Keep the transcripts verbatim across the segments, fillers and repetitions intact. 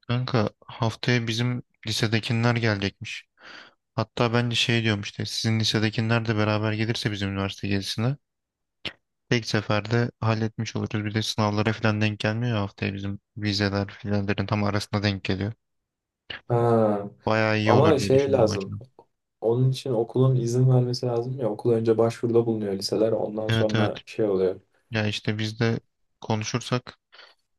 Kanka haftaya bizim lisedekiler gelecekmiş. Hatta bence şey diyorum işte sizin lisedekiler de beraber gelirse bizim üniversite gezisine tek seferde halletmiş oluruz. Bir de sınavlara falan denk gelmiyor ya, haftaya bizim vizeler filanların tam arasında denk geliyor. Ha. Bayağı iyi olur Ama diye şey düşündüm lazım. acaba. Onun için okulun izin vermesi lazım ya. Okul önce başvuruda bulunuyor liseler. Ondan Evet evet, sonra şey oluyor. ya işte biz de konuşursak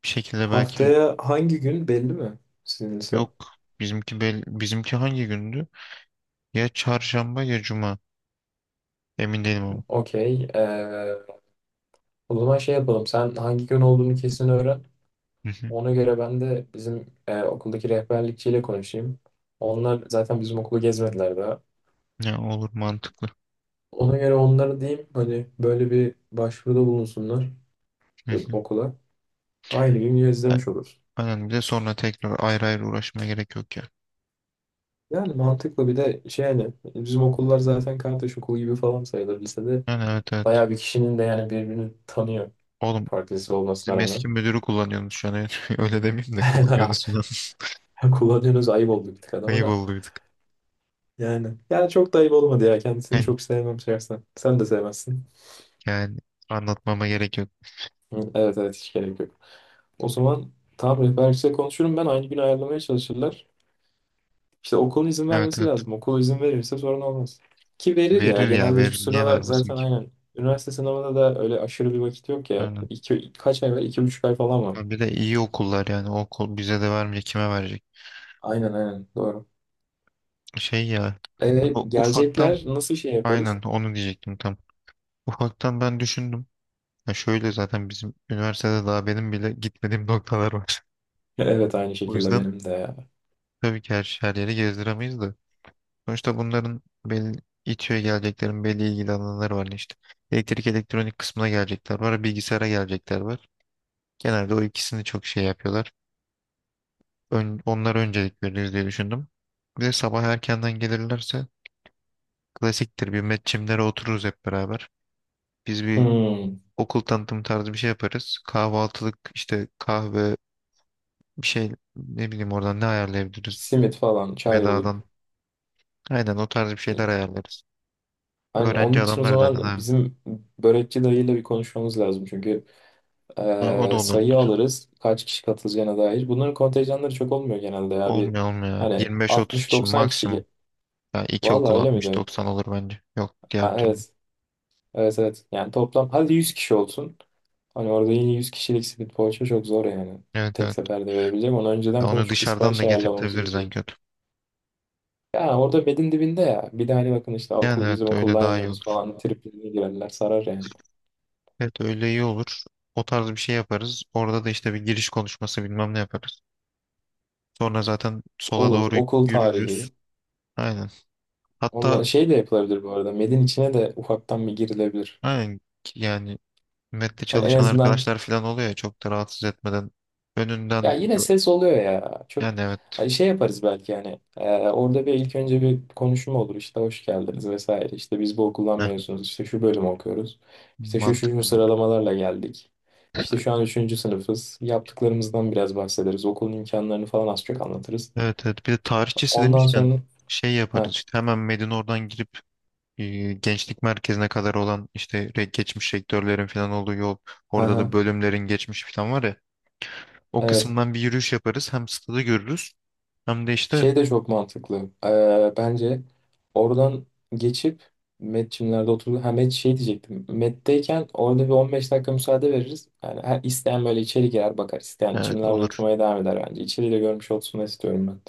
bir şekilde belki. Haftaya hangi gün belli mi sizin lise? Yok, bizimki bel bizimki hangi gündü? Ya çarşamba ya cuma, emin değilim ama. Okey. Ee, o zaman şey yapalım. Sen hangi gün olduğunu kesin öğren. Hı hı. Ona göre ben de bizim e, okuldaki rehberlikçiyle konuşayım. Onlar zaten bizim okulu gezmediler daha. Ya olur, mantıklı. Ona göre onlara diyeyim hani böyle bir başvuruda bulunsunlar Hı e, hı. okula. Aynı gün gezdirmiş oluruz. Aynen, bir de sonra tekrar ayrı ayrı uğraşmaya gerek yok ya. Yani mantıklı, bir de şey, yani bizim okullar zaten kardeş okulu gibi falan sayılır lisede. Yani evet evet. Bayağı bir kişinin de yani birbirini tanıyor. Oğlum, Farklı lise olmasına bizim rağmen. eski müdürü kullanıyorsunuz şu an. Öyle demeyeyim de, kullanıyorsunuz şu an. Kullanıyoruz, ayıp oldu bir tık adama Ayıp da. olduyduk. Yani. Yani çok da ayıp olmadı ya. Kendisini Yani, çok sevmem şahsen. Sen de sevmezsin. yani anlatmama gerek yok. Hı, evet evet, hiç gerek yok. O zaman tamam, rehber kişiyle konuşurum ben. Aynı gün ayarlamaya çalışırlar. İşte okul izin Evet vermesi evet. lazım. Okul izin verirse sorun olmaz. Ki verir ya. Verir ya, Genelde şu verir. Niye sıralar vermesin zaten, ki? aynen. Üniversite sınavında da öyle aşırı bir vakit yok ya. Aynen. İki, kaç ay var? İki buçuk ay falan var. Ha, bir de iyi okullar yani. O okul bize de vermeyecek, kime verecek? Aynen aynen. Doğru. Şey ya. Ee, o ufaktan, Gelecekler, nasıl şey yaparız? aynen onu diyecektim tam. Ufaktan ben düşündüm. Ya şöyle, zaten bizim üniversitede daha benim bile gitmediğim noktalar var. Evet, aynı O şekilde yüzden benim de ya. tabii ki her, her yeri gezdiremeyiz de. Sonuçta bunların belli, İTÜ'ye geleceklerin belli ilgili alanları var işte. Elektrik elektronik kısmına gelecekler var, bilgisayara gelecekler var. Genelde o ikisini çok şey yapıyorlar. Ön, onlara öncelik veririz diye düşündüm. Bir de sabah erkenden gelirlerse klasiktir, bir metçimlere otururuz hep beraber. Biz bir Hmm, okul tanıtım tarzı bir şey yaparız. Kahvaltılık işte, kahve, bir şey ne bileyim oradan ne ayarlayabiliriz Simit falan, çay olur. bedadan. Aynen o tarz bir şeyler ayarlarız. Yani Öğrenci onun için o adamlar zaten zaman abi. bizim börekçi dayıyla bir konuşmamız lazım. Çünkü Ha, o da Ee, olur. sayı alırız. Kaç kişi katılacağına dair. Bunların kontenjanları çok olmuyor genelde ya. Bir Olmuyor olmuyor. hani Yirmi beş otuz kişi altmış doksan kişi. maksimum. ge- Yani iki Vallahi okul öyle mi altmış diyorsun? doksan olur bence. Yok diğer Ha, türlü. evet. Evet evet. Yani toplam hadi yüz kişi olsun. Hani orada yine yüz kişilik simit poğaça çok zor yani. Evet Tek evet. seferde verebileceğim. Onu Ya önceden onu konuşup bir dışarıdan da sipariş ayarlamamız getirtebiliriz gerekiyor. en kötü. Ya orada bedin dibinde ya. Bir de hani bakın, işte Yani okul evet, bizim öyle okuldan daha iyi yiyoruz olur. falan. Triplerine girerler, sarar yani. Evet, öyle iyi olur. O tarz bir şey yaparız. Orada da işte bir giriş konuşması bilmem ne yaparız. Sonra zaten sola Olur. doğru Okul yürürüz. tarihi. Aynen. Hatta Onunla şey de yapılabilir bu arada. Medin içine de ufaktan bir girilebilir. aynen, yani mette Hani en çalışan azından, arkadaşlar falan oluyor ya, çok da rahatsız etmeden ya önünden, yine ses oluyor ya. Çok yani evet. hani şey yaparız belki yani. Ee, orada bir ilk önce bir konuşma olur, işte hoş geldiniz vesaire. İşte biz bu okuldan Heh, mezunuz. İşte şu bölüm okuyoruz. İşte şu şu, şu mantıklı. sıralamalarla geldik. İşte şu an üçüncü sınıfız. Yaptıklarımızdan biraz bahsederiz. Okulun imkanlarını falan az çok anlatırız. Evet evet, bir de tarihçesi Ondan demişken sonra şey yaparız ha, işte, hemen Medine oradan girip e, gençlik merkezine kadar olan işte re- geçmiş rektörlerin falan olduğu yol, ha, orada ha, da bölümlerin geçmiş falan var ya, o evet, kısımdan bir yürüyüş yaparız, hem stadı görürüz hem de işte şey de çok mantıklı. Ee, bence oradan geçip Metçimlerde oturdu. Ha, Met şey diyecektim. Met'teyken orada bir on beş dakika müsaade veririz. Yani her isteyen böyle içeri girer bakar. İsteyen evet. çimlerde Olur, oturmaya devam eder bence. İçeri de görmüş olsun istiyorum ben.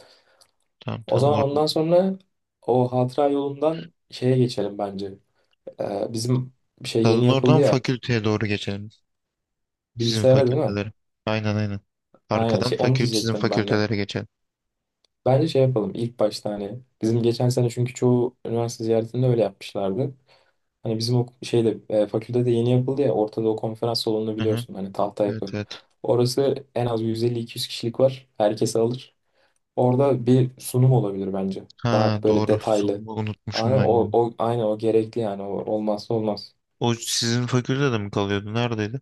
tamam O tamam. zaman or ondan sonra o hatıra yolundan şeye geçelim bence. Ee, bizim bir şey yeni Stadın yapıldı oradan ya. fakülteye doğru geçelim, sizin Bilgisayara, değil mi? fakültelere. Aynen aynen, Aynen, arkadan şey onu fakül sizin diyecektim ben de. fakültelere geçelim. Bence şey yapalım ilk başta hani. Bizim geçen sene, çünkü çoğu üniversite ziyaretinde öyle yapmışlardı. Hani bizim o şeyde e, fakültede yeni yapıldı ya ortada, o konferans salonunu Hı hı. biliyorsun hani, tahta Evet yapı. evet. Orası en az yüz elli iki yüz kişilik var. Herkes alır. Orada bir sunum olabilir bence. Daha Ha, böyle doğru, detaylı. sunumu Aynen unutmuşum ben ya. o, o, aynen o gerekli yani. O, olmazsa olmaz. O sizin fakültede mi kalıyordu, neredeydi?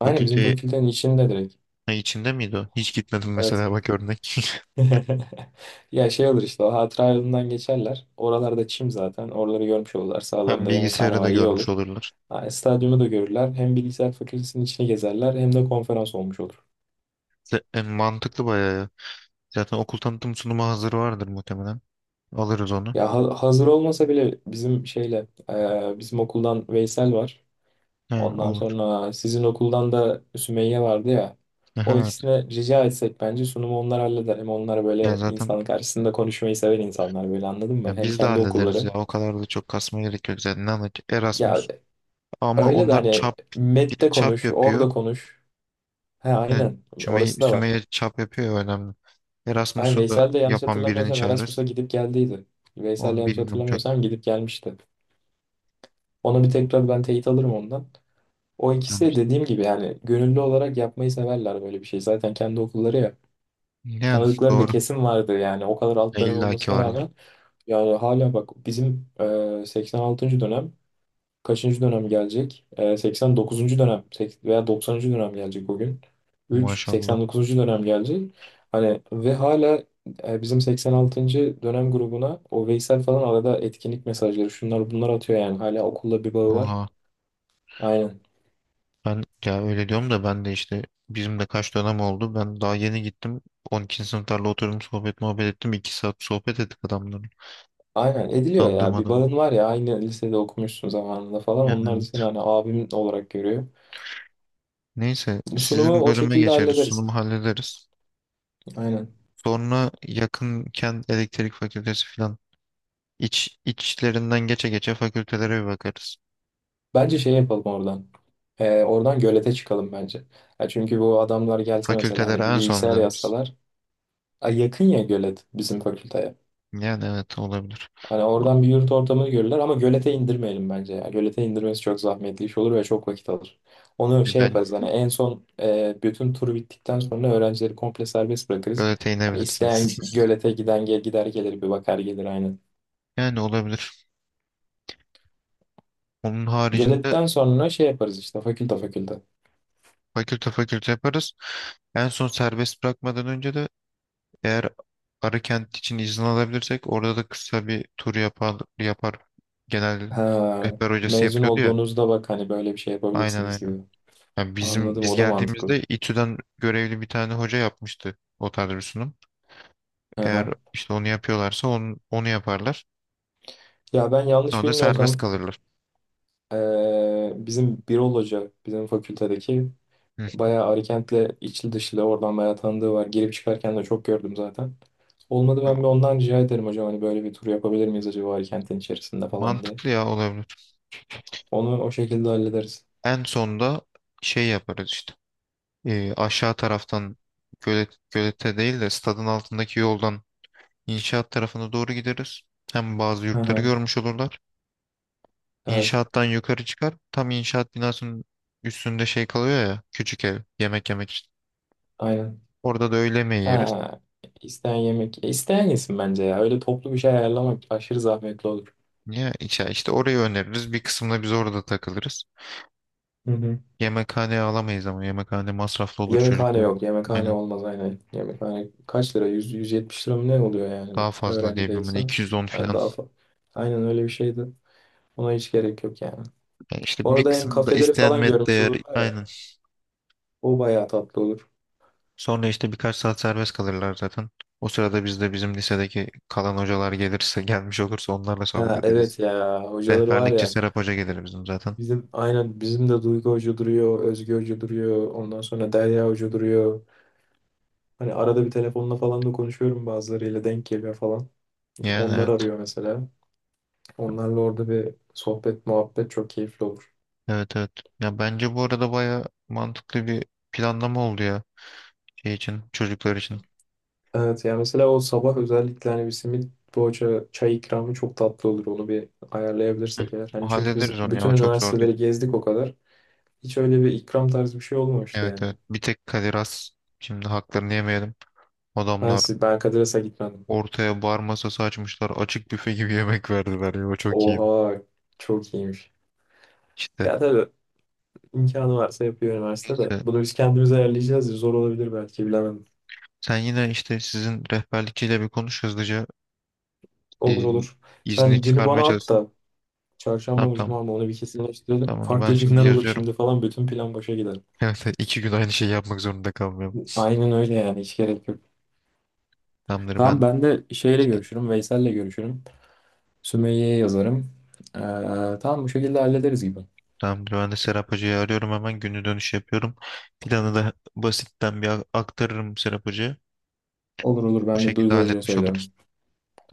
Aynen bizim Fakülte fakültenin içinde direkt. içinde miydi o? Hiç gitmedim Evet. mesela bak, örnek. Ya şey olur, işte o hatıra yolundan geçerler. Oralarda çim zaten. Oraları görmüş olurlar. Hem Sağlarında yemekhane bilgisayarı da var, iyi görmüş olur. olurlar. Yani stadyumu da görürler. Hem bilgisayar fakültesinin içine gezerler, hem de konferans olmuş olur. Z- e, mantıklı bayağı ya. Zaten okul tanıtım sunumu hazır vardır muhtemelen. Alırız onu. Ya ha- hazır olmasa bile bizim şeyle e, bizim okuldan Veysel var. He, Ondan olur. sonra sizin okuldan da Sümeyye vardı ya. Aha, O evet. ikisine rica etsek bence sunumu onlar halleder. Hem onlar Yani böyle zaten, insanın karşısında konuşmayı seven insanlar, böyle anladın mı? ya Hem biz de kendi hallederiz okulları. ya. O kadar da çok kasma gerek yok zaten. Ne anlatıyor? Ya Erasmus. Ama öyle de onlar hani çap bir M E T'te çap konuş, yapıyor. orada konuş. He, Yani aynen, Sümeyye, orası da var. Sümeyye çap yapıyor ya, önemli. Ay, Erasmus'u da Veysel de yanlış yapan birini hatırlamıyorsam Erasmus'a çağırırız. gidip geldiydi. Veysel, Onu yanlış bilmiyorum çok. hatırlamıyorsam, gidip gelmişti. Ona bir tekrar ben teyit alırım ondan. O ikisi de dediğim gibi yani gönüllü olarak yapmayı severler böyle bir şey. Zaten kendi okulları ya. Yani Tanıdıkları da doğru. kesin vardı yani, o kadar alt Ya, dönem İlla ki olmasına vardır. rağmen. Yani hala bak, bizim e, seksen altıncı dönem, kaçıncı dönem gelecek? E, seksen dokuzuncu dönem sek- veya doksanıncı dönem gelecek o gün. üç Maşallah. seksen dokuzuncu dönem gelecek. Hani ve hala e, bizim seksen altıncı dönem grubuna o Veysel falan arada etkinlik mesajları, şunlar bunlar atıyor, yani hala okulla bir bağı var. Oha. Aynen. Ben ya öyle diyorum da, ben de işte bizim de kaç dönem oldu. Ben daha yeni gittim. on ikinci sınıflarla oturdum, sohbet muhabbet ettim. iki saat sohbet ettik adamların. Aynen ediliyor Tanıdığım ya. Bir adam. bağın var ya, aynı lisede okumuşsun zamanında falan. Yani Onlar da evet. seni hani abim olarak görüyor. Neyse, Sunumu sizin o bölüme şekilde geçeriz. hallederiz. Sunumu hallederiz. Aynen. Sonra yakınken elektrik fakültesi falan. İç, içlerinden geçe geçe fakültelere bir bakarız. Bence şey yapalım oradan. Ee, oradan gölete çıkalım bence. Ya çünkü bu adamlar gelse mesela, Fakültelere hani bir en son mu bilgisayar deniriz? yazsalar. Ay yakın ya, gölet bizim fakülteye. Yani evet, olabilir. Hani Ba- oradan bir yurt ortamını görürler, ama gölete indirmeyelim bence ya. Gölete indirmesi çok zahmetli iş olur ve çok vakit alır. Onu şey Ben yaparız hani en son, e, bütün tur bittikten sonra öğrencileri komple serbest bırakırız. öyle Hani teyinebilirsiniz. isteyen gölete giden gel gider gelir, bir bakar gelir, aynen. Yani olabilir. Onun haricinde Göletten sonra şey yaparız, işte fakülte fakülte. fakülte fakülte yaparız. En son serbest bırakmadan önce de, eğer Arıkent için izin alabilirsek, orada da kısa bir tur yapar, yapar. Genel Ha, rehber hocası mezun yapıyordu ya. olduğunuzda bak hani böyle bir şey Aynen yapabilirsiniz aynen. gibi. Yani bizim Anladım, biz o da mantıklı. geldiğimizde İTÜ'den görevli bir tane hoca yapmıştı o tarz bir sunum. Hı hı. Eğer işte onu yapıyorlarsa onu, onu yaparlar. Ya ben O yanlış da serbest bilmiyorsam kalırlar. e, bizim Birol Hoca bizim fakültedeki, Hı hı. bayağı Arikent'le içli dışlı, oradan bayağı tanıdığı var. Girip çıkarken de çok gördüm zaten. Olmadı ben bir ondan rica ederim, hocam hani böyle bir tur yapabilir miyiz acaba Arikent'in içerisinde falan diye. Mantıklı, ya olabilir. Onu o şekilde hallederiz. En sonda şey yaparız işte. E, aşağı taraftan gölet, gölete değil de stadın altındaki yoldan inşaat tarafına doğru gideriz. Hem bazı Hı yurtları hı. görmüş olurlar. Evet. İnşaattan yukarı çıkar. Tam inşaat binasının üstünde şey kalıyor ya, küçük ev, yemek yemek için. Aynen. Orada da öğle yemeği yeriz. Ha, isteyen yemek. E, isteyen yesin bence ya. Öyle toplu bir şey ayarlamak aşırı zahmetli olur. Ya işte, işte orayı öneririz. Bir kısmında biz orada takılırız. Hı hı. Yemekhane alamayız, ama yemekhane masraflı olur Yemekhane çocukların. yok. Yemekhane Aynen. olmaz, aynen. Yemekhane kaç lira? Yüz yüz 170 lira mı ne oluyor yani? Daha fazla Öğrenci diyebilirim. Hani değilsen. iki yüz on Yani filan. daha fa- Aynen öyle bir şeydi. Ona hiç gerek yok yani. Yani işte bir Orada hem kısmı da kafeleri falan istenmet görmüş değer. olurlar ya. Aynen. O bayağı tatlı olur. Sonra işte birkaç saat serbest kalırlar zaten. O sırada biz de bizim lisedeki kalan hocalar gelirse, gelmiş olursa, onlarla sohbet Ha, ederiz. evet ya, hocaları var Rehberlikçi ya. Serap Hoca gelir bizim zaten. Bizim, aynen bizim de Duygu Hoca duruyor, Özge Hoca duruyor, ondan sonra Derya Hoca duruyor. Hani arada bir telefonla falan da konuşuyorum, bazılarıyla denk geliyor falan. Yani Onlar evet. arıyor mesela. Onlarla orada bir sohbet, muhabbet çok keyifli olur. Evet evet. Ya bence bu arada baya mantıklı bir planlama oldu ya, şey için, çocuklar için. Evet ya, mesela o sabah özellikle hani bir simit poğaça çay ikramı çok tatlı olur. Onu bir Heh. ayarlayabilirsek eğer. Hani O çünkü hallederiz biz onu ya. bütün O çok zor değil. üniversiteleri gezdik o kadar. Hiç öyle bir ikram tarzı bir şey olmamıştı Evet yani. evet. Bir tek Kadir Has, şimdi haklarını yemeyelim. Ben, Adamlar siz, ben Kadras'a gitmedim. ortaya bar masası açmışlar. Açık büfe gibi yemek verdiler ya. O çok iyiydi. Oha, çok iyiymiş. İşte Ya tabii, imkanı varsa yapıyor üniversite de. işte Bunu biz kendimiz ayarlayacağız. Zor olabilir belki, bilemedim. sen yine işte sizin rehberlikçiyle bir konuş hızlıca, Olur e, olur. izni Sen günü çıkarmaya bana at çalışsın. da Tamam çarşamba mı tamam. cuma mı onu bir kesinleştirelim. Tamam, onu ben. Tamam, Farklı şimdi günler olur yazıyorum. şimdi falan. Bütün plan boşa gider. Evet, iki gün aynı şeyi yapmak zorunda kalmıyorum. Aynen öyle yani, hiç gerek yok. Tamamdır Tamam, ben ben de şeyle görüşürüm. Veysel'le görüşürüm. Sümeyye'ye yazarım. Ee, tamam, bu şekilde hallederiz gibi. tamamdır ben de Serap Hoca'yı arıyorum, hemen günü dönüş yapıyorum. Planı da basitten bir a- aktarırım Serap Hoca'ya. Olur olur, Bu ben de şekilde Duygu Hoca'ya halletmiş oluruz. söylerim.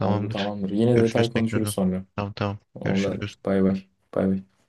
Oldu, tamamdır. Yine Görüşürüz detay konuşuruz tekrardan. sonra. Tamam tamam. Oldu, hadi. Görüşürüz. Bay bay. Bay bay.